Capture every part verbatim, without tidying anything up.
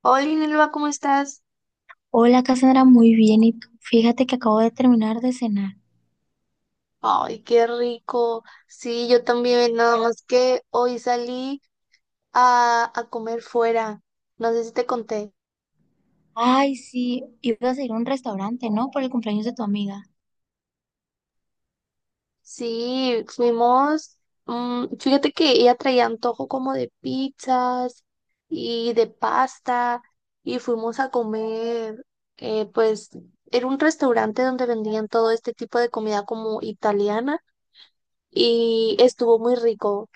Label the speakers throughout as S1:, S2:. S1: Hola, Inelva, ¿cómo estás?
S2: Hola Cassandra, muy bien. ¿Y tú? Fíjate que acabo de terminar de cenar.
S1: Ay, qué rico. Sí, yo también, nada más que hoy salí a, a comer fuera. No sé si te conté.
S2: Ay, sí, ibas a ir a un restaurante, ¿no? Por el cumpleaños de tu amiga.
S1: Sí, fuimos. Mm, fíjate que ella traía antojo como de pizzas y de pasta y fuimos a comer, eh, pues era un restaurante donde vendían todo este tipo de comida como italiana y estuvo muy rico.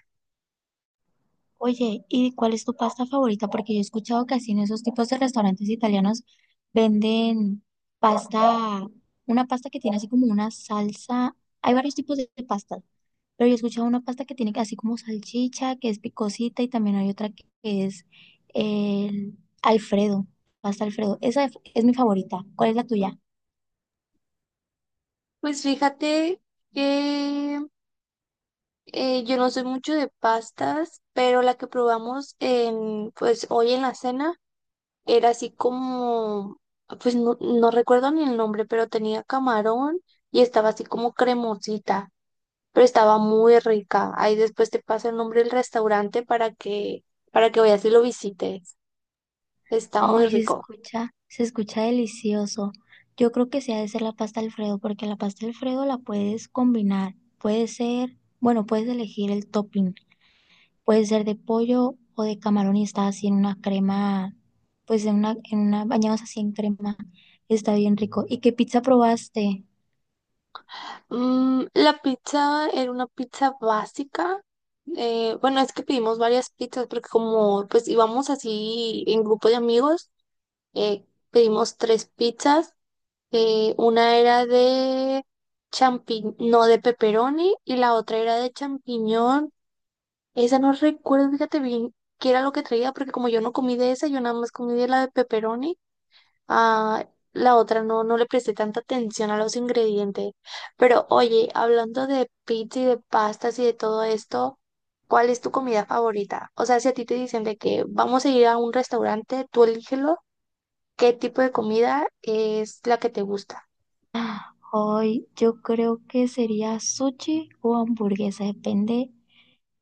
S2: Oye, ¿y cuál es tu pasta favorita? Porque yo he escuchado que así en esos tipos de restaurantes italianos venden pasta, una pasta que tiene así como una salsa. Hay varios tipos de de pastas, pero yo he escuchado una pasta que tiene así como salchicha, que es picosita, y también hay otra que que es el Alfredo, pasta Alfredo. Esa es es mi favorita. ¿Cuál es la tuya?
S1: Pues fíjate que... Eh, Yo no soy mucho de pastas, pero la que probamos en, pues hoy en la cena era así como, pues no, no recuerdo ni el nombre, pero tenía camarón y estaba así como cremosita, pero estaba muy rica. Ahí después te paso el nombre del restaurante para que, para que vayas y lo visites. Está muy
S2: Ay, se
S1: rico.
S2: escucha, se escucha delicioso. Yo creo que sí ha de ser la pasta Alfredo, porque la pasta Alfredo la puedes combinar. Puede ser, bueno, puedes elegir el topping. Puede ser de pollo o de camarón y está así en una crema, pues en una, en una, bañados así en crema. Está bien rico. ¿Y qué pizza probaste?
S1: Mm, la pizza era una pizza básica. Eh, bueno, es que pedimos varias pizzas porque como pues íbamos así en grupo de amigos. Eh, Pedimos tres pizzas. Eh, una era de champiñón, no de pepperoni, y la otra era de champiñón. Esa no recuerdo, fíjate bien qué era lo que traía, porque como yo no comí de esa, yo nada más comí de la de pepperoni. Ah, la otra no, no le presté tanta atención a los ingredientes. Pero oye, hablando de pizza y de pastas y de todo esto. ¿Cuál es tu comida favorita? O sea, si a ti te dicen de que vamos a ir a un restaurante, tú elígelo. ¿Qué tipo de comida es la que te gusta?
S2: Ah, ay, yo creo que sería sushi o hamburguesa, depende.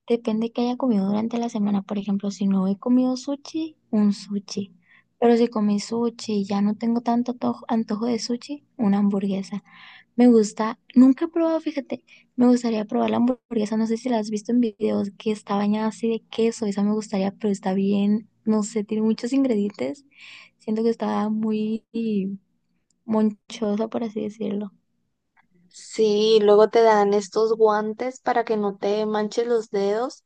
S2: Depende que haya comido durante la semana. Por ejemplo, si no he comido sushi, un sushi. Pero si comí sushi y ya no tengo tanto antojo, antojo de sushi, una hamburguesa. Me gusta, nunca he probado, fíjate, me gustaría probar la hamburguesa. No sé si la has visto en videos que está bañada así de queso. Esa me gustaría, pero está bien, no sé, tiene muchos ingredientes. Siento que está muy monchosa, por así decirlo.
S1: Sí, luego te dan estos guantes para que no te manches los dedos.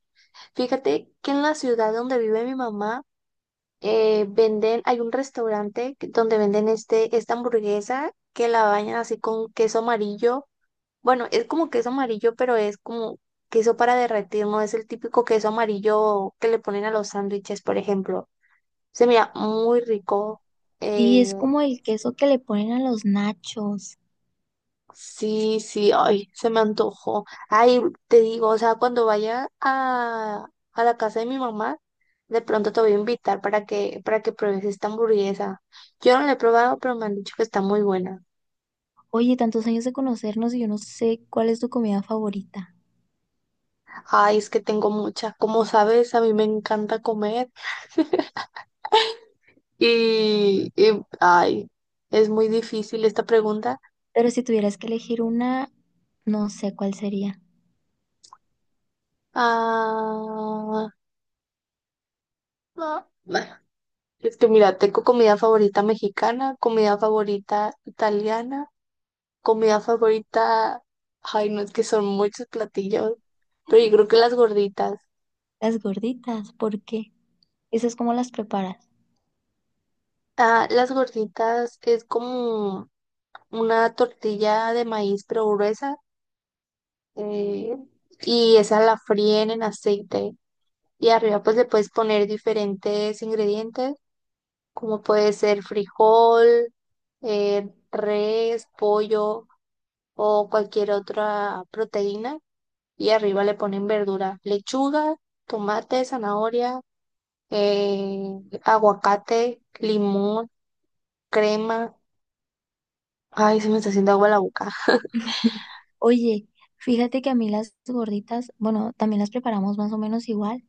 S1: Fíjate que en la ciudad donde vive mi mamá, eh, venden, hay un restaurante que- donde venden este, esta hamburguesa que la bañan así con queso amarillo. Bueno, es como queso amarillo, pero es como queso para derretir, no es el típico queso amarillo que le ponen a los sándwiches, por ejemplo. Se mira muy rico.
S2: Sí,
S1: eh,
S2: es como el queso que le ponen a los nachos.
S1: Sí, sí, ay, se me antojó. Ay, te digo, o sea, cuando vaya a, a la casa de mi mamá, de pronto te voy a invitar para que, para que pruebes esta hamburguesa. Yo no la he probado, pero me han dicho que está muy buena.
S2: Oye, tantos años de conocernos y yo no sé cuál es tu comida favorita.
S1: Ay, es que tengo muchas. Como sabes, a mí me encanta comer y, y ay, es muy difícil esta pregunta.
S2: Pero si tuvieras que elegir una, no sé cuál sería.
S1: Ah, ah, bueno, es que mira, tengo comida favorita mexicana, comida favorita italiana. Comida favorita, ay, no, es que son muchos platillos, pero yo creo que las gorditas.
S2: Las gorditas, ¿por qué? ¿Esas cómo las preparas?
S1: Ah, las gorditas es como una tortilla de maíz pero gruesa, eh, y esa la fríen en aceite y arriba pues le puedes poner diferentes ingredientes como puede ser frijol, eh, res, pollo o cualquier otra proteína, y arriba le ponen verdura, lechuga, tomate, zanahoria, eh, aguacate, limón, crema. Ay, se me está haciendo agua la boca.
S2: Oye, fíjate que a mí las gorditas, bueno, también las preparamos más o menos igual,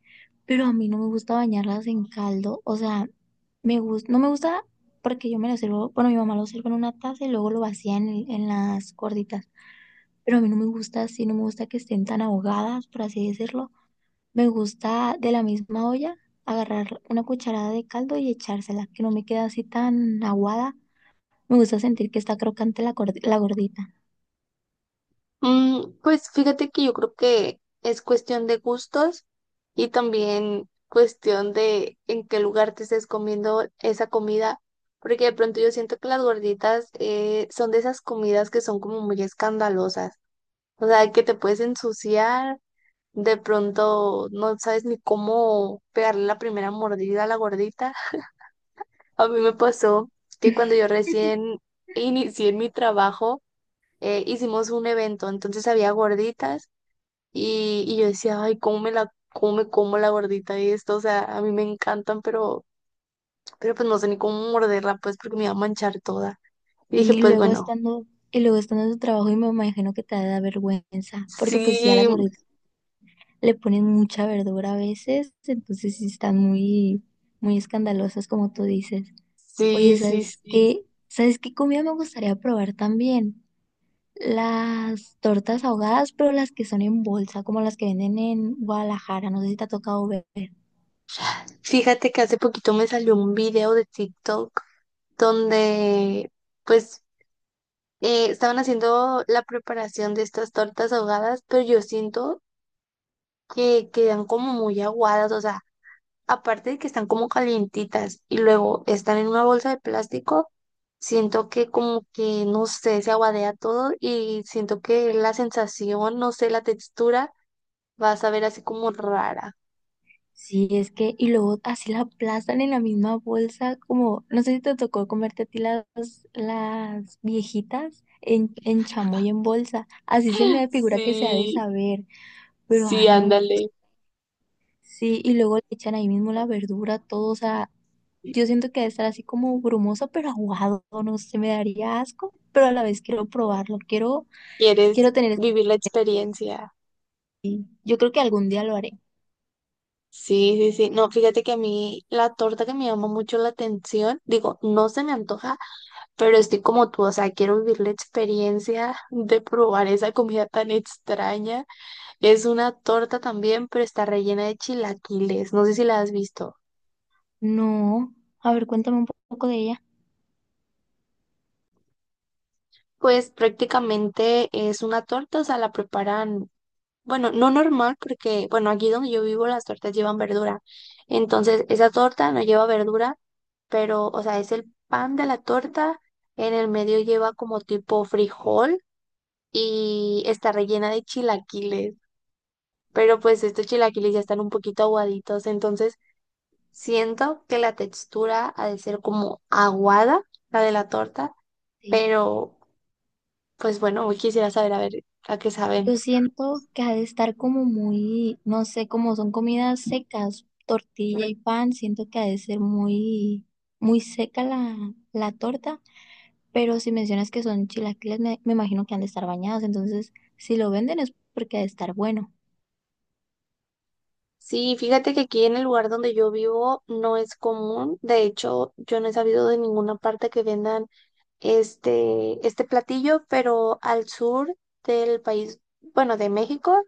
S2: pero a mí no me gusta bañarlas en caldo. O sea, me gusta, no me gusta porque yo me lo sirvo, bueno, mi mamá lo sirve en una taza y luego lo vacía en, el- en las gorditas. Pero a mí no me gusta así, no me gusta que estén tan ahogadas, por así decirlo. Me gusta de la misma olla agarrar una cucharada de caldo y echársela, que no me queda así tan aguada. Me gusta sentir que está crocante la, gordi- la gordita.
S1: Mm, pues fíjate que yo creo que es cuestión de gustos y también cuestión de en qué lugar te estés comiendo esa comida, porque de pronto yo siento que las gorditas eh, son de esas comidas que son como muy escandalosas, o sea, que te puedes ensuciar, de pronto no sabes ni cómo pegarle la primera mordida a la gordita. A mí me pasó que cuando yo recién inicié en mi trabajo, eh, hicimos un evento, entonces había gorditas y, y yo decía, ay, ¿cómo me la, cómo me como la gordita y esto? O sea, a mí me encantan, pero, pero pues no sé ni cómo morderla, pues porque me iba a manchar toda. Y dije,
S2: Y
S1: pues
S2: luego
S1: bueno,
S2: estando, y luego estando en tu trabajo y me imagino que te da vergüenza, porque pues sí a las
S1: sí,
S2: gorditas le ponen mucha verdura a veces, entonces sí están muy, muy escandalosas como tú dices. Oye,
S1: sí, sí,
S2: ¿sabes
S1: sí.
S2: qué? ¿Sabes qué comida me gustaría probar también? Las tortas ahogadas, pero las que son en bolsa, como las que venden en Guadalajara, no sé si te ha tocado ver.
S1: Fíjate que hace poquito me salió un video de TikTok donde, pues eh, estaban haciendo la preparación de estas tortas ahogadas, pero yo siento que quedan como muy aguadas, o sea, aparte de que están como calientitas y luego están en una bolsa de plástico, siento que como que, no sé, se aguadea todo y siento que la sensación, no sé, la textura va a saber así como rara.
S2: Sí, es que, y luego así la aplastan en la misma bolsa, como, no sé si te tocó comerte a ti las, las viejitas en, en chamoy en bolsa. Así se me figura que se ha de
S1: Sí,
S2: saber, pero
S1: sí,
S2: ay, no.
S1: ándale.
S2: Sí, y luego le echan ahí mismo la verdura, todo, o sea, yo siento que debe estar así como brumoso, pero aguado, no sé, me daría asco, pero a la vez quiero probarlo, quiero,
S1: ¿Quieres
S2: quiero tener.
S1: vivir la experiencia?
S2: Yo creo que algún día lo haré.
S1: Sí, sí, sí. No, fíjate que a mí la torta que me llama mucho la atención, digo, no se me antoja. Pero estoy como tú, o sea, quiero vivir la experiencia de probar esa comida tan extraña. Es una torta también, pero está rellena de chilaquiles. No sé si la has visto.
S2: No, a ver, cuéntame un poco de ella.
S1: Pues prácticamente es una torta, o sea, la preparan, bueno, no normal, porque, bueno, aquí donde yo vivo las tortas llevan verdura. Entonces, esa torta no lleva verdura, pero, o sea, es el pan de la torta, en el medio lleva como tipo frijol y está rellena de chilaquiles, pero pues estos chilaquiles ya están un poquito aguaditos, entonces siento que la textura ha de ser como aguada, la de la torta,
S2: Sí.
S1: pero pues bueno, hoy quisiera saber a ver a qué saben.
S2: Yo siento que ha de estar como muy, no sé, como son comidas secas, tortilla y pan, siento que ha de ser muy, muy seca la, la torta, pero si mencionas que son chilaquiles, me, me imagino que han de estar bañados, entonces si lo venden es porque ha de estar bueno.
S1: Sí, fíjate que aquí en el lugar donde yo vivo no es común, de hecho yo no he sabido de ninguna parte que vendan este, este platillo, pero al sur del país, bueno, de México.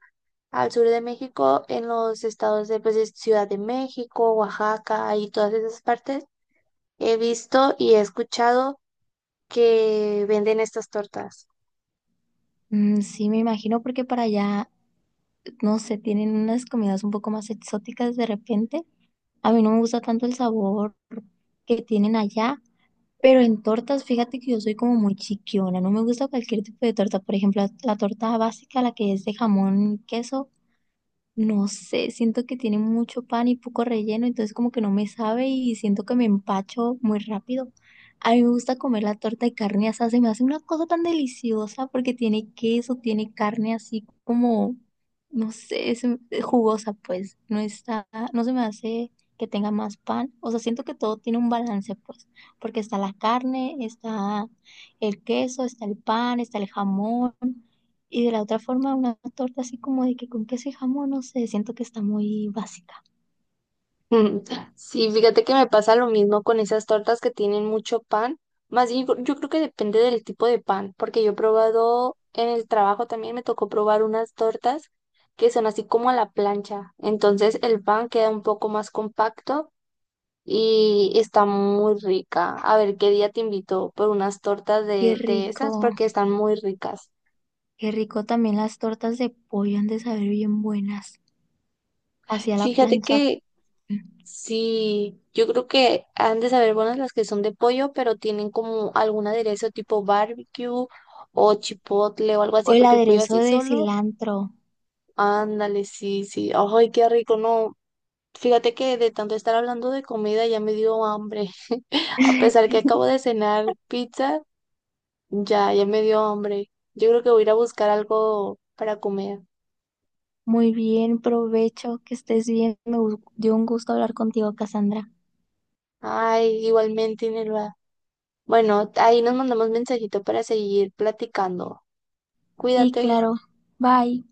S1: Al sur de México, en los estados de, pues, de Ciudad de México, Oaxaca y todas esas partes, he visto y he escuchado que venden estas tortas.
S2: Mm, sí, me imagino porque para allá no sé, tienen unas comidas un poco más exóticas de repente. A mí no me gusta tanto el sabor que tienen allá, pero en tortas, fíjate que yo soy como muy chiquiona, no me gusta cualquier tipo de torta, por ejemplo, la, la torta básica, la que es de jamón y queso, no sé, siento que tiene mucho pan y poco relleno, entonces como que no me sabe y siento que me empacho muy rápido. A mí me gusta comer la torta de carne asada, se me hace una cosa tan deliciosa porque tiene queso, tiene carne así como, no sé, es jugosa pues, no está, no se me hace que tenga más pan, o sea, siento que todo tiene un balance pues, porque está la carne, está el queso, está el pan, está el jamón. Y de la otra forma, una torta así como de que con queso y jamón, no sé, siento que está muy básica.
S1: Mm, sí, fíjate que me pasa lo mismo con esas tortas que tienen mucho pan. Más bien, yo creo que depende del tipo de pan, porque yo he probado en el trabajo también me tocó probar unas tortas que son así como a la plancha. Entonces el pan queda un poco más compacto y está muy rica. A ver qué día te invito por unas tortas
S2: Qué
S1: de, de esas
S2: rico,
S1: porque están muy ricas.
S2: qué rico también las tortas de pollo han de saber bien buenas. Hacia la
S1: Fíjate
S2: plancha
S1: que sí, yo creo que han de saber buenas las que son de pollo, pero tienen como algún aderezo tipo barbecue o chipotle o algo
S2: o
S1: así,
S2: el
S1: porque el pollo
S2: aderezo
S1: así
S2: de
S1: solo,
S2: cilantro.
S1: ándale, sí, sí. Ay, qué rico, no. Fíjate que de tanto estar hablando de comida ya me dio hambre, a pesar que acabo de cenar pizza. Ya, ya me dio hambre. Yo creo que voy a ir a buscar algo para comer.
S2: Muy bien, provecho, que estés bien. Me gu- dio un gusto hablar contigo, Cassandra.
S1: Ay, igualmente, Inelva. Bueno, ahí nos mandamos mensajito para seguir platicando.
S2: Sí,
S1: Cuídate.
S2: claro. Bye.